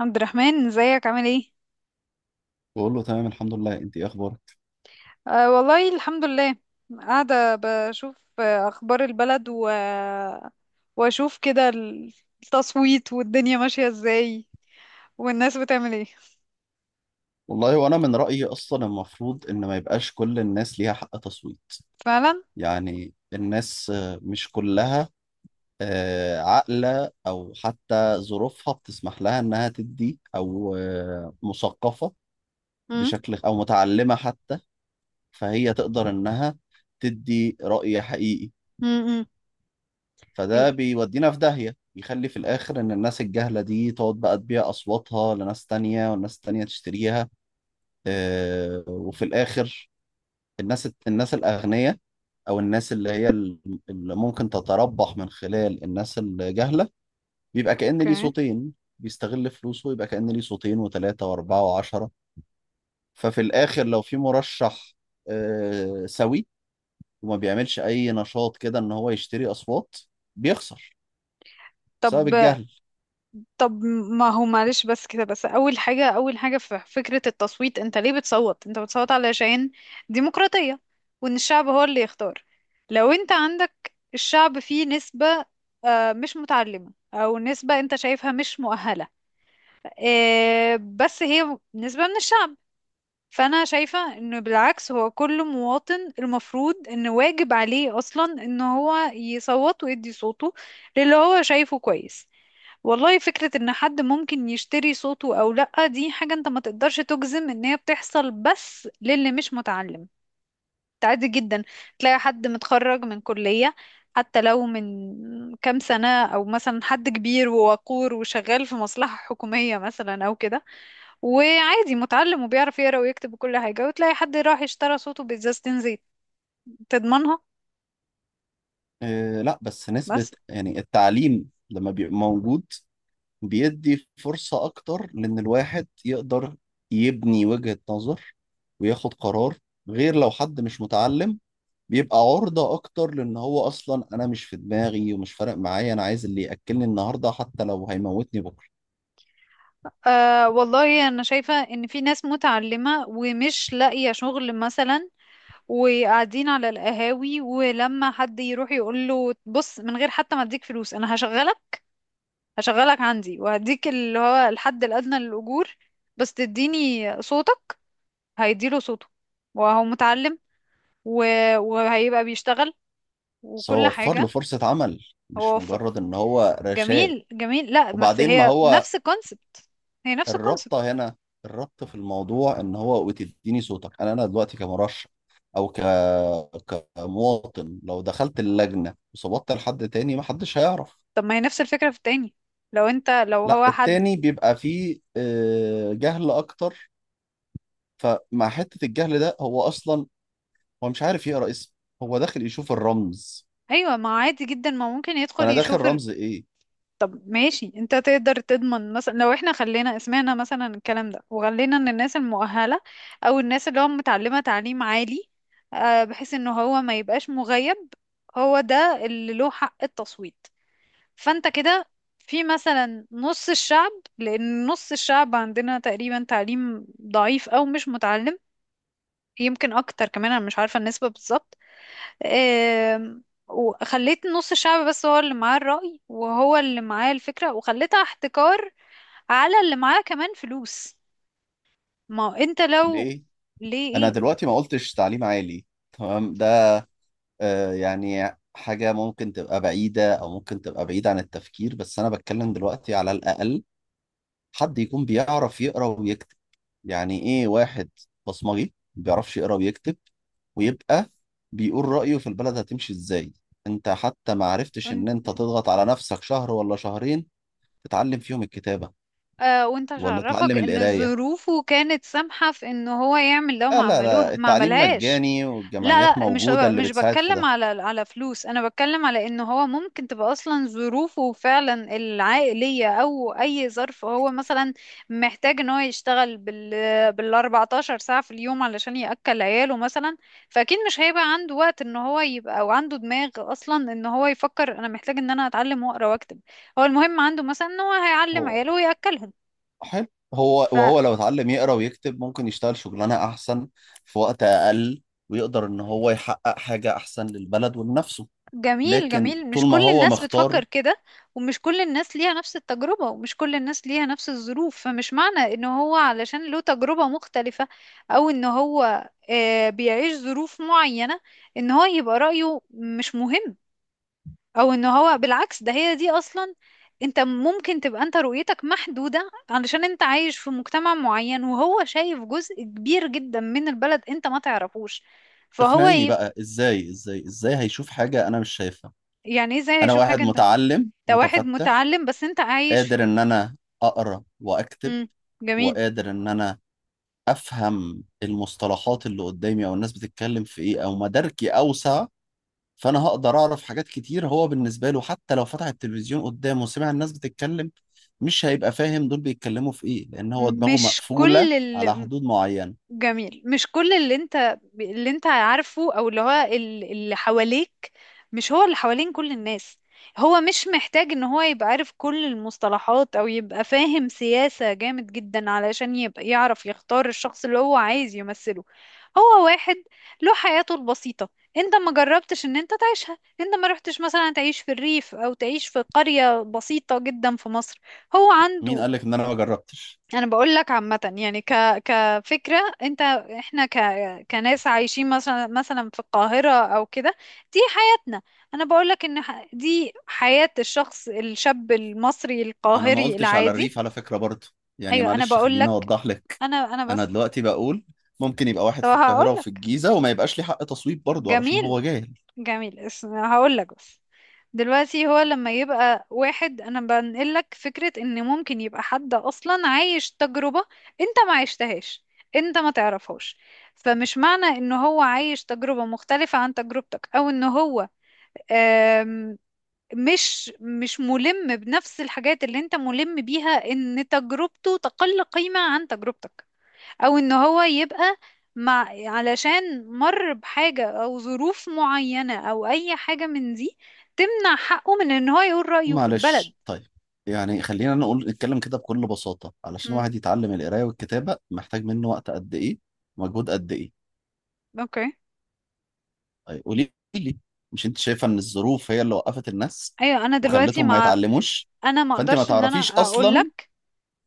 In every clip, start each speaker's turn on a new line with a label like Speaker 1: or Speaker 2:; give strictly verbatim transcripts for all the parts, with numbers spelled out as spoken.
Speaker 1: عبد الرحمن ازيك عامل ايه؟
Speaker 2: بقول له تمام، الحمد لله، انت ايه اخبارك؟
Speaker 1: آه والله الحمد لله. قاعدة بشوف آه، اخبار البلد و... واشوف كده، التصويت والدنيا ماشية ازاي والناس بتعمل ايه.
Speaker 2: والله وانا من رايي اصلا المفروض ان ما يبقاش كل الناس ليها حق تصويت.
Speaker 1: فعلا.
Speaker 2: يعني الناس آه، مش كلها، آه، عاقله او حتى ظروفها بتسمح لها انها تدي او آه، مثقفه
Speaker 1: امم،
Speaker 2: بشكل او متعلمه حتى، فهي تقدر انها تدي راي حقيقي.
Speaker 1: امم،
Speaker 2: فده بيودينا في داهيه، يخلي في الاخر ان الناس الجهله دي تقعد بقى تبيع اصواتها لناس تانية والناس تانية تشتريها. آه، وفي الآخر الناس الناس الأغنياء أو الناس اللي هي ال- اللي ممكن تتربح من خلال الناس الجهلة بيبقى كأن ليه
Speaker 1: اوكي.
Speaker 2: صوتين. بيستغل فلوسه يبقى كأن ليه صوتين وثلاثة وأربعة وعشرة. ففي الآخر لو في مرشح آه، سوي وما بيعملش أي نشاط كده إن هو يشتري أصوات، بيخسر بسبب
Speaker 1: طب
Speaker 2: الجهل.
Speaker 1: طب ما هو معلش، بس كده بس اول حاجه اول حاجه في فكره التصويت، انت ليه بتصوت؟ انت بتصوت علشان ديمقراطيه وان الشعب هو اللي يختار. لو انت عندك الشعب فيه نسبه آه، مش متعلمه او نسبه انت شايفها مش مؤهله، آه، بس هي نسبه من الشعب، فانا شايفه انه بالعكس هو كل مواطن المفروض ان واجب عليه اصلا ان هو يصوت ويدي صوته للي هو شايفه كويس. والله فكرة ان حد ممكن يشتري صوته او لأ دي حاجة انت ما تقدرش تجزم ان هي بتحصل بس للي مش متعلم، انت عادي جدا تلاقي حد متخرج من كلية حتى لو من كام سنة، او مثلا حد كبير ووقور وشغال في مصلحة حكومية مثلا او كده وعادي متعلم وبيعرف يقرا ويكتب وكل حاجة، وتلاقي حد راح اشترى صوته بإزازتين زيت تضمنها.
Speaker 2: آه، لا، بس نسبة
Speaker 1: بس
Speaker 2: يعني التعليم لما بيبقى موجود بيدي فرصة أكتر، لأن الواحد يقدر يبني وجهة نظر وياخد قرار، غير لو حد مش متعلم بيبقى عرضة أكتر. لأن هو أصلا أنا مش في دماغي ومش فارق معايا، أنا عايز اللي يأكلني النهاردة حتى لو هيموتني بكرة.
Speaker 1: آه والله انا شايفة ان في ناس متعلمة ومش لاقية شغل مثلا وقاعدين على القهاوي، ولما حد يروح يقول له بص من غير حتى ما اديك فلوس انا هشغلك، هشغلك عندي وهديك اللي هو الحد الادنى للاجور، بس تديني صوتك، هيديله صوته وهو متعلم و... وهيبقى بيشتغل
Speaker 2: بس هو
Speaker 1: وكل
Speaker 2: وفر له
Speaker 1: حاجة.
Speaker 2: فرصة عمل، مش
Speaker 1: هو ف...
Speaker 2: مجرد إن هو رشاه.
Speaker 1: جميل جميل، لا بس
Speaker 2: وبعدين ما
Speaker 1: هي
Speaker 2: هو
Speaker 1: نفس الكونسبت، هي نفس الكونسبت.
Speaker 2: الربطة هنا، الربط في الموضوع ان هو بتديني صوتك، انا انا دلوقتي كمرشح او ك... كمواطن لو دخلت اللجنة وصوتت لحد تاني ما حدش هيعرف.
Speaker 1: طب ما هي نفس الفكرة في التاني، لو انت لو
Speaker 2: لا،
Speaker 1: هو حد.
Speaker 2: التاني بيبقى فيه آه، جهل اكتر، فمع حتة الجهل ده هو اصلا هو مش عارف يقرأ اسم، هو داخل يشوف الرمز،
Speaker 1: ايوه ما عادي جدا، ما ممكن يدخل
Speaker 2: فانا داخل
Speaker 1: يشوف.
Speaker 2: رمز ايه؟
Speaker 1: طب ماشي، انت تقدر تضمن مثلا لو احنا خلينا سمعنا مثلا الكلام ده وخلينا ان الناس المؤهلة او الناس اللي هو متعلمة تعليم عالي، آه، بحيث ان هو ما يبقاش مغيب، هو ده اللي له حق التصويت. فانت كده في مثلا نص الشعب، لان نص الشعب عندنا تقريبا تعليم ضعيف او مش متعلم، يمكن اكتر كمان، انا مش عارفة النسبة بالظبط. آم، وخليت نص الشعب بس هو اللي معاه الرأي وهو اللي معاه الفكرة وخليتها احتكار على اللي معاه كمان فلوس. ما هو انت لو،
Speaker 2: ليه؟ انا
Speaker 1: ليه،
Speaker 2: دلوقتي ما قلتش تعليم عالي، تمام ده آه، يعني حاجة ممكن تبقى بعيدة أو ممكن تبقى بعيدة عن التفكير، بس أنا بتكلم دلوقتي على الأقل حد يكون بيعرف يقرأ ويكتب. يعني إيه واحد بصمجي ما بيعرفش يقرأ ويكتب ويبقى بيقول رأيه في البلد هتمشي إزاي؟ أنت حتى ما عرفتش
Speaker 1: ايه.
Speaker 2: إن أنت تضغط على نفسك شهر ولا شهرين تتعلم فيهم الكتابة
Speaker 1: آه وانت
Speaker 2: ولا
Speaker 1: عرفك
Speaker 2: تتعلم
Speaker 1: ان
Speaker 2: القراية.
Speaker 1: ظروفه كانت سامحة في ان هو يعمل، لو ما
Speaker 2: لا لا
Speaker 1: عملوها
Speaker 2: لا،
Speaker 1: ما
Speaker 2: التعليم
Speaker 1: عملهاش.
Speaker 2: مجاني
Speaker 1: لا
Speaker 2: والجمعيات
Speaker 1: لا، مش
Speaker 2: موجودة اللي
Speaker 1: مش
Speaker 2: بتساعد في
Speaker 1: بتكلم
Speaker 2: ده.
Speaker 1: على على فلوس، انا بتكلم على ان هو ممكن تبقى اصلا ظروفه فعلا العائلية او اي ظرف، هو مثلا محتاج ان هو يشتغل بال بال 14 ساعة في اليوم علشان يأكل عياله مثلا، فاكيد مش هيبقى عنده وقت ان هو يبقى او عنده دماغ اصلا ان هو يفكر انا محتاج ان انا اتعلم واقرا واكتب، هو المهم عنده مثلا ان هو هيعلم
Speaker 2: هو
Speaker 1: عياله ويأكلهم.
Speaker 2: حلو، هو وهو لو اتعلم يقرا ويكتب ممكن يشتغل شغلانه احسن في وقت اقل، ويقدر ان هو يحقق حاجه احسن للبلد ولنفسه.
Speaker 1: فجميل
Speaker 2: لكن
Speaker 1: جميل،
Speaker 2: طول
Speaker 1: مش
Speaker 2: ما
Speaker 1: كل
Speaker 2: هو
Speaker 1: الناس بتفكر
Speaker 2: مختار،
Speaker 1: كده، ومش كل الناس ليها نفس التجربة ومش كل الناس ليها نفس الظروف، فمش معنى ان هو علشان له تجربة مختلفة او ان هو آه، بيعيش ظروف معينة ان هو يبقى رأيه مش مهم، او ان هو بالعكس ده هي دي اصلا، انت ممكن تبقى انت رؤيتك محدودة علشان انت عايش في مجتمع معين، وهو شايف جزء كبير جدا من البلد انت ما تعرفوش، فهو
Speaker 2: اقنعيني
Speaker 1: يبقى.
Speaker 2: بقى، ازاي ازاي ازاي هيشوف حاجه انا مش شايفها؟
Speaker 1: يعني إيه ازاي
Speaker 2: انا
Speaker 1: هيشوف حاجة
Speaker 2: واحد
Speaker 1: انت؟ انت
Speaker 2: متعلم
Speaker 1: واحد
Speaker 2: متفتح،
Speaker 1: متعلم بس انت عايش
Speaker 2: قادر
Speaker 1: في.
Speaker 2: ان انا اقرا واكتب،
Speaker 1: مم. جميل،
Speaker 2: وقادر ان انا افهم المصطلحات اللي قدامي او الناس بتتكلم في ايه، او مداركي اوسع، فانا هقدر اعرف حاجات كتير. هو بالنسبه له حتى لو فتح التلفزيون قدامه وسمع الناس بتتكلم مش هيبقى فاهم دول بيتكلموا في ايه، لان هو دماغه
Speaker 1: مش
Speaker 2: مقفوله
Speaker 1: كل
Speaker 2: على
Speaker 1: ال-
Speaker 2: حدود معينه.
Speaker 1: جميل، مش كل اللي انت اللي انت عارفه، او اللي هو ال- اللي حواليك، مش هو اللي حوالين كل الناس، هو مش محتاج ان هو يبقى عارف كل المصطلحات او يبقى فاهم سياسة جامد جدا علشان يبقى يعرف يختار الشخص اللي هو عايز يمثله، هو واحد له حياته البسيطة، انت ما جربتش ان انت تعيشها، انت ما رحتش مثلا تعيش في الريف او تعيش في قرية بسيطة جدا في مصر، هو
Speaker 2: مين
Speaker 1: عنده.
Speaker 2: قال لك ان انا ما جربتش؟
Speaker 1: انا بقول لك عامه، يعني ك كفكره انت، احنا ك كناس عايشين مثلا، مثلا في القاهره او كده، دي حياتنا. انا بقول لك ان ح- دي حياه الشخص الشاب المصري
Speaker 2: انا ما
Speaker 1: القاهري
Speaker 2: قلتش على
Speaker 1: العادي.
Speaker 2: الريف على فكره برضه، يعني
Speaker 1: ايوه انا
Speaker 2: معلش
Speaker 1: بقول
Speaker 2: خليني
Speaker 1: لك،
Speaker 2: اوضح لك.
Speaker 1: انا انا
Speaker 2: انا
Speaker 1: بس.
Speaker 2: دلوقتي بقول ممكن يبقى واحد
Speaker 1: طب
Speaker 2: في
Speaker 1: هقول
Speaker 2: القاهره وفي
Speaker 1: لك،
Speaker 2: الجيزه وما يبقاش لي حق تصويت برضه علشان
Speaker 1: جميل
Speaker 2: هو جاهل.
Speaker 1: جميل، اسم هقول لك بس، دلوقتي هو لما يبقى واحد، انا بنقلك فكرة ان ممكن يبقى حد اصلا عايش تجربة انت ما عشتهاش، انت ما تعرفهاش، فمش معنى ان هو عايش تجربة مختلفة عن تجربتك او ان هو آم، مش مش ملم بنفس الحاجات اللي انت ملم بيها ان تجربته تقل قيمة عن تجربتك، او ان هو يبقى مع علشان مر بحاجة او ظروف معينة او اي حاجة من دي تمنع حقه من ان هو يقول رأيه في البلد.
Speaker 2: معلش، طيب، يعني خلينا نقول نتكلم كده بكل بساطه، علشان
Speaker 1: مم.
Speaker 2: واحد يتعلم القرايه والكتابه محتاج منه وقت قد ايه؟ مجهود قد ايه؟
Speaker 1: اوكي،
Speaker 2: طيب قولي لي، مش انت شايفه ان الظروف هي اللي وقفت الناس
Speaker 1: ايوه انا دلوقتي
Speaker 2: وخلتهم ما
Speaker 1: مع،
Speaker 2: يتعلموش؟
Speaker 1: انا ما
Speaker 2: فانت ما
Speaker 1: اقدرش ان
Speaker 2: تعرفيش
Speaker 1: انا اقول
Speaker 2: اصلا،
Speaker 1: لك.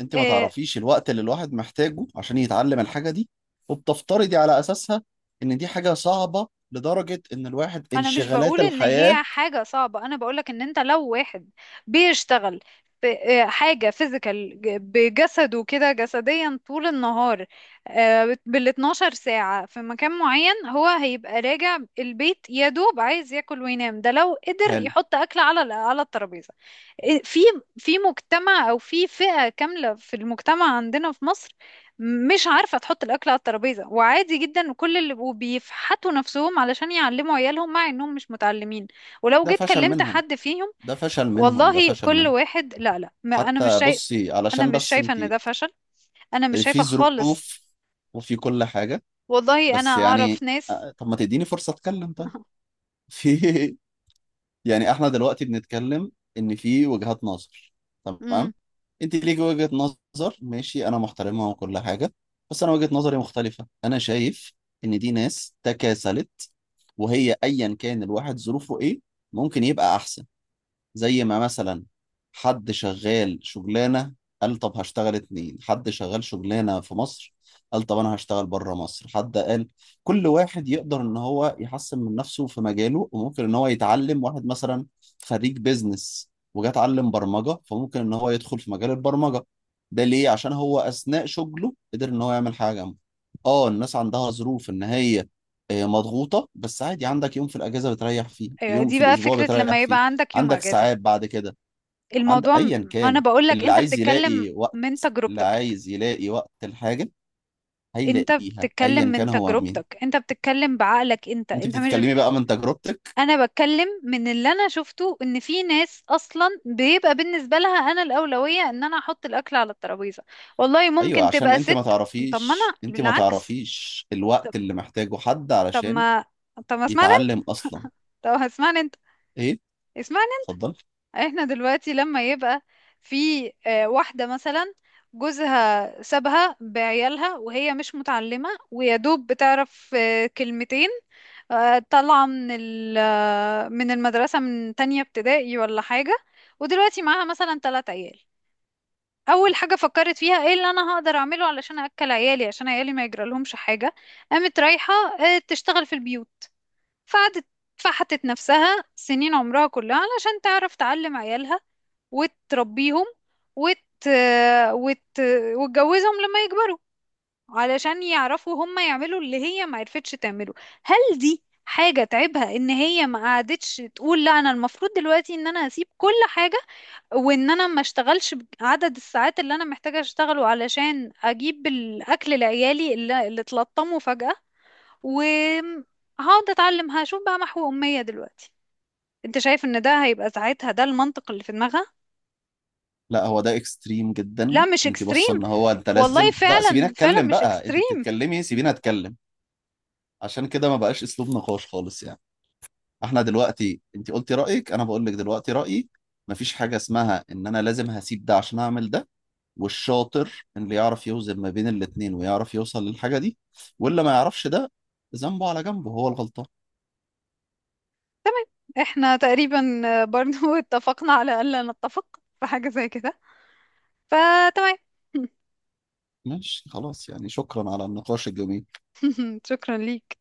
Speaker 2: انت ما
Speaker 1: آه،
Speaker 2: تعرفيش الوقت اللي الواحد محتاجه عشان يتعلم الحاجه دي، وبتفترضي على اساسها ان دي حاجه صعبه لدرجه ان الواحد
Speaker 1: انا مش
Speaker 2: انشغالات
Speaker 1: بقول ان
Speaker 2: الحياه.
Speaker 1: هي حاجة صعبة، انا بقولك ان انت لو واحد بيشتغل في آه، حاجة فيزيكال بجسده كده جسديا طول النهار بال 12 ساعة في مكان معين، هو هيبقى راجع البيت يا دوب عايز ياكل وينام، ده لو قدر
Speaker 2: حلو،
Speaker 1: يحط اكل على على الترابيزة. آه، في في مجتمع او في فئة كاملة في المجتمع عندنا في مصر مش عارفة تحط الأكل على الترابيزة، وعادي جدا كل اللي وبيفحتوا نفسهم علشان يعلموا عيالهم مع إنهم مش متعلمين، ولو
Speaker 2: ده
Speaker 1: جيت
Speaker 2: فشل
Speaker 1: كلمت
Speaker 2: منهم،
Speaker 1: حد فيهم،
Speaker 2: ده فشل منهم، ده
Speaker 1: والله
Speaker 2: فشل
Speaker 1: كل
Speaker 2: منهم.
Speaker 1: واحد، لا لا، ما أنا مش
Speaker 2: حتى
Speaker 1: شايف،
Speaker 2: بصي،
Speaker 1: أنا
Speaker 2: علشان
Speaker 1: مش
Speaker 2: بس
Speaker 1: شايفة
Speaker 2: انت
Speaker 1: إن ده فشل، أنا مش
Speaker 2: في
Speaker 1: شايفة خالص،
Speaker 2: ظروف وفي كل حاجه،
Speaker 1: والله أنا
Speaker 2: بس
Speaker 1: أعرف
Speaker 2: يعني
Speaker 1: ناس.
Speaker 2: آه، طب ما تديني فرصه اتكلم طيب؟ في، يعني احنا دلوقتي بنتكلم ان في وجهات نظر،
Speaker 1: امم،
Speaker 2: تمام، انت ليك وجهة نظر، ماشي، انا محترمها وكل حاجة، بس انا وجهة نظري مختلفة، انا شايف ان دي ناس تكاسلت، وهي ايا كان الواحد ظروفه ايه ممكن يبقى احسن. زي ما مثلا حد شغال شغلانة قال طب هشتغل اتنين، حد شغال شغلانة في مصر قال طب أنا هشتغل بره مصر، حد قال كل واحد يقدر إن هو يحسن من نفسه في مجاله، وممكن إن هو يتعلم. واحد مثلا خريج بيزنس وجا اتعلم برمجة، فممكن إن هو يدخل في مجال البرمجة. ده ليه؟ عشان هو أثناء شغله قدر إن هو يعمل حاجة جنبه. آه الناس عندها ظروف إن هي آه، مضغوطة، بس عادي، عندك يوم في الأجازة بتريح فيه،
Speaker 1: أيوة
Speaker 2: يوم
Speaker 1: دي
Speaker 2: في
Speaker 1: بقى
Speaker 2: الأسبوع
Speaker 1: فكرة
Speaker 2: بتريح
Speaker 1: لما
Speaker 2: فيه،
Speaker 1: يبقى عندك يوم
Speaker 2: عندك
Speaker 1: أجازة،
Speaker 2: ساعات بعد كده، عند
Speaker 1: الموضوع م-
Speaker 2: ايا
Speaker 1: أنا
Speaker 2: كان،
Speaker 1: بقولك
Speaker 2: اللي
Speaker 1: أنت
Speaker 2: عايز
Speaker 1: بتتكلم
Speaker 2: يلاقي وقت
Speaker 1: من
Speaker 2: اللي
Speaker 1: تجربتك،
Speaker 2: عايز يلاقي وقت الحاجة
Speaker 1: انت
Speaker 2: هيلاقيها
Speaker 1: بتتكلم
Speaker 2: ايا
Speaker 1: من
Speaker 2: كان هو مين.
Speaker 1: تجربتك انت بتتكلم بعقلك انت
Speaker 2: انت
Speaker 1: انت مش،
Speaker 2: بتتكلمي بقى من تجربتك،
Speaker 1: انا بتكلم من اللي انا شفته ان في ناس اصلا بيبقى بالنسبه لها انا الاولويه ان انا احط الاكل على الترابيزه، والله
Speaker 2: ايوه
Speaker 1: ممكن
Speaker 2: عشان
Speaker 1: تبقى
Speaker 2: انت ما
Speaker 1: ست. طب ما انا
Speaker 2: تعرفيش انت ما
Speaker 1: بالعكس،
Speaker 2: تعرفيش
Speaker 1: طب،
Speaker 2: الوقت اللي محتاجه حد
Speaker 1: طب
Speaker 2: علشان
Speaker 1: ما طب ما اسمعني انت.
Speaker 2: يتعلم اصلا.
Speaker 1: طب اسمعني انت،
Speaker 2: ايه؟
Speaker 1: اسمعني.
Speaker 2: اتفضل.
Speaker 1: احنا دلوقتي لما يبقى في آه، واحدة مثلا، جوزها سابها بعيالها وهي مش متعلمة ويا دوب بتعرف آه، كلمتين، آه، طالعة من ال- آه، من المدرسة من تانية ابتدائي ولا حاجة، ودلوقتي معاها مثلا تلات عيال، أول حاجة فكرت فيها ايه اللي أنا هقدر أعمله علشان أكل عيالي عشان عيالي ما يجرالهمش حاجة، قامت رايحة آه، تشتغل في البيوت، فقعدت، فحتت نفسها سنين عمرها كلها علشان تعرف تعلم عيالها وتربيهم وت... وت... وتجوزهم لما يكبروا علشان يعرفوا هم يعملوا اللي هي ما عرفتش تعمله. هل دي حاجة تعبها، ان هي ما قعدتش تقول لا انا المفروض دلوقتي ان انا هسيب كل حاجة وان انا ما اشتغلش عدد الساعات اللي انا محتاجة اشتغله علشان اجيب الاكل لعيالي اللي, اللي اتلطموا فجأة، وهقعد اتعلم هشوف بقى محو امية دلوقتي؟ انت شايف ان ده هيبقى ساعتها ده المنطق اللي في دماغها؟
Speaker 2: لا، هو ده اكستريم
Speaker 1: لا
Speaker 2: جدا،
Speaker 1: مش
Speaker 2: انت بصه
Speaker 1: اكستريم،
Speaker 2: ان هو انت
Speaker 1: والله
Speaker 2: لازم، لا سيبيني
Speaker 1: فعلا فعلا
Speaker 2: اتكلم
Speaker 1: مش
Speaker 2: بقى، انت
Speaker 1: اكستريم.
Speaker 2: بتتكلمي سيبيني اتكلم، عشان كده ما بقاش اسلوب نقاش خالص يعني. احنا دلوقتي انت قلتي رأيك، انا بقول لك دلوقتي رأيي، مفيش حاجة اسمها ان انا لازم هسيب ده عشان اعمل ده، والشاطر اللي يعرف يوزن ما بين الاتنين ويعرف يوصل للحاجة دي، واللي ما يعرفش ده ذنبه على جنبه هو الغلطان.
Speaker 1: تمام، احنا تقريبا برضو اتفقنا على الا نتفق في حاجة زي كده، فتمام.
Speaker 2: ماشي، خلاص يعني، شكرا على النقاش الجميل.
Speaker 1: شكرا ليك.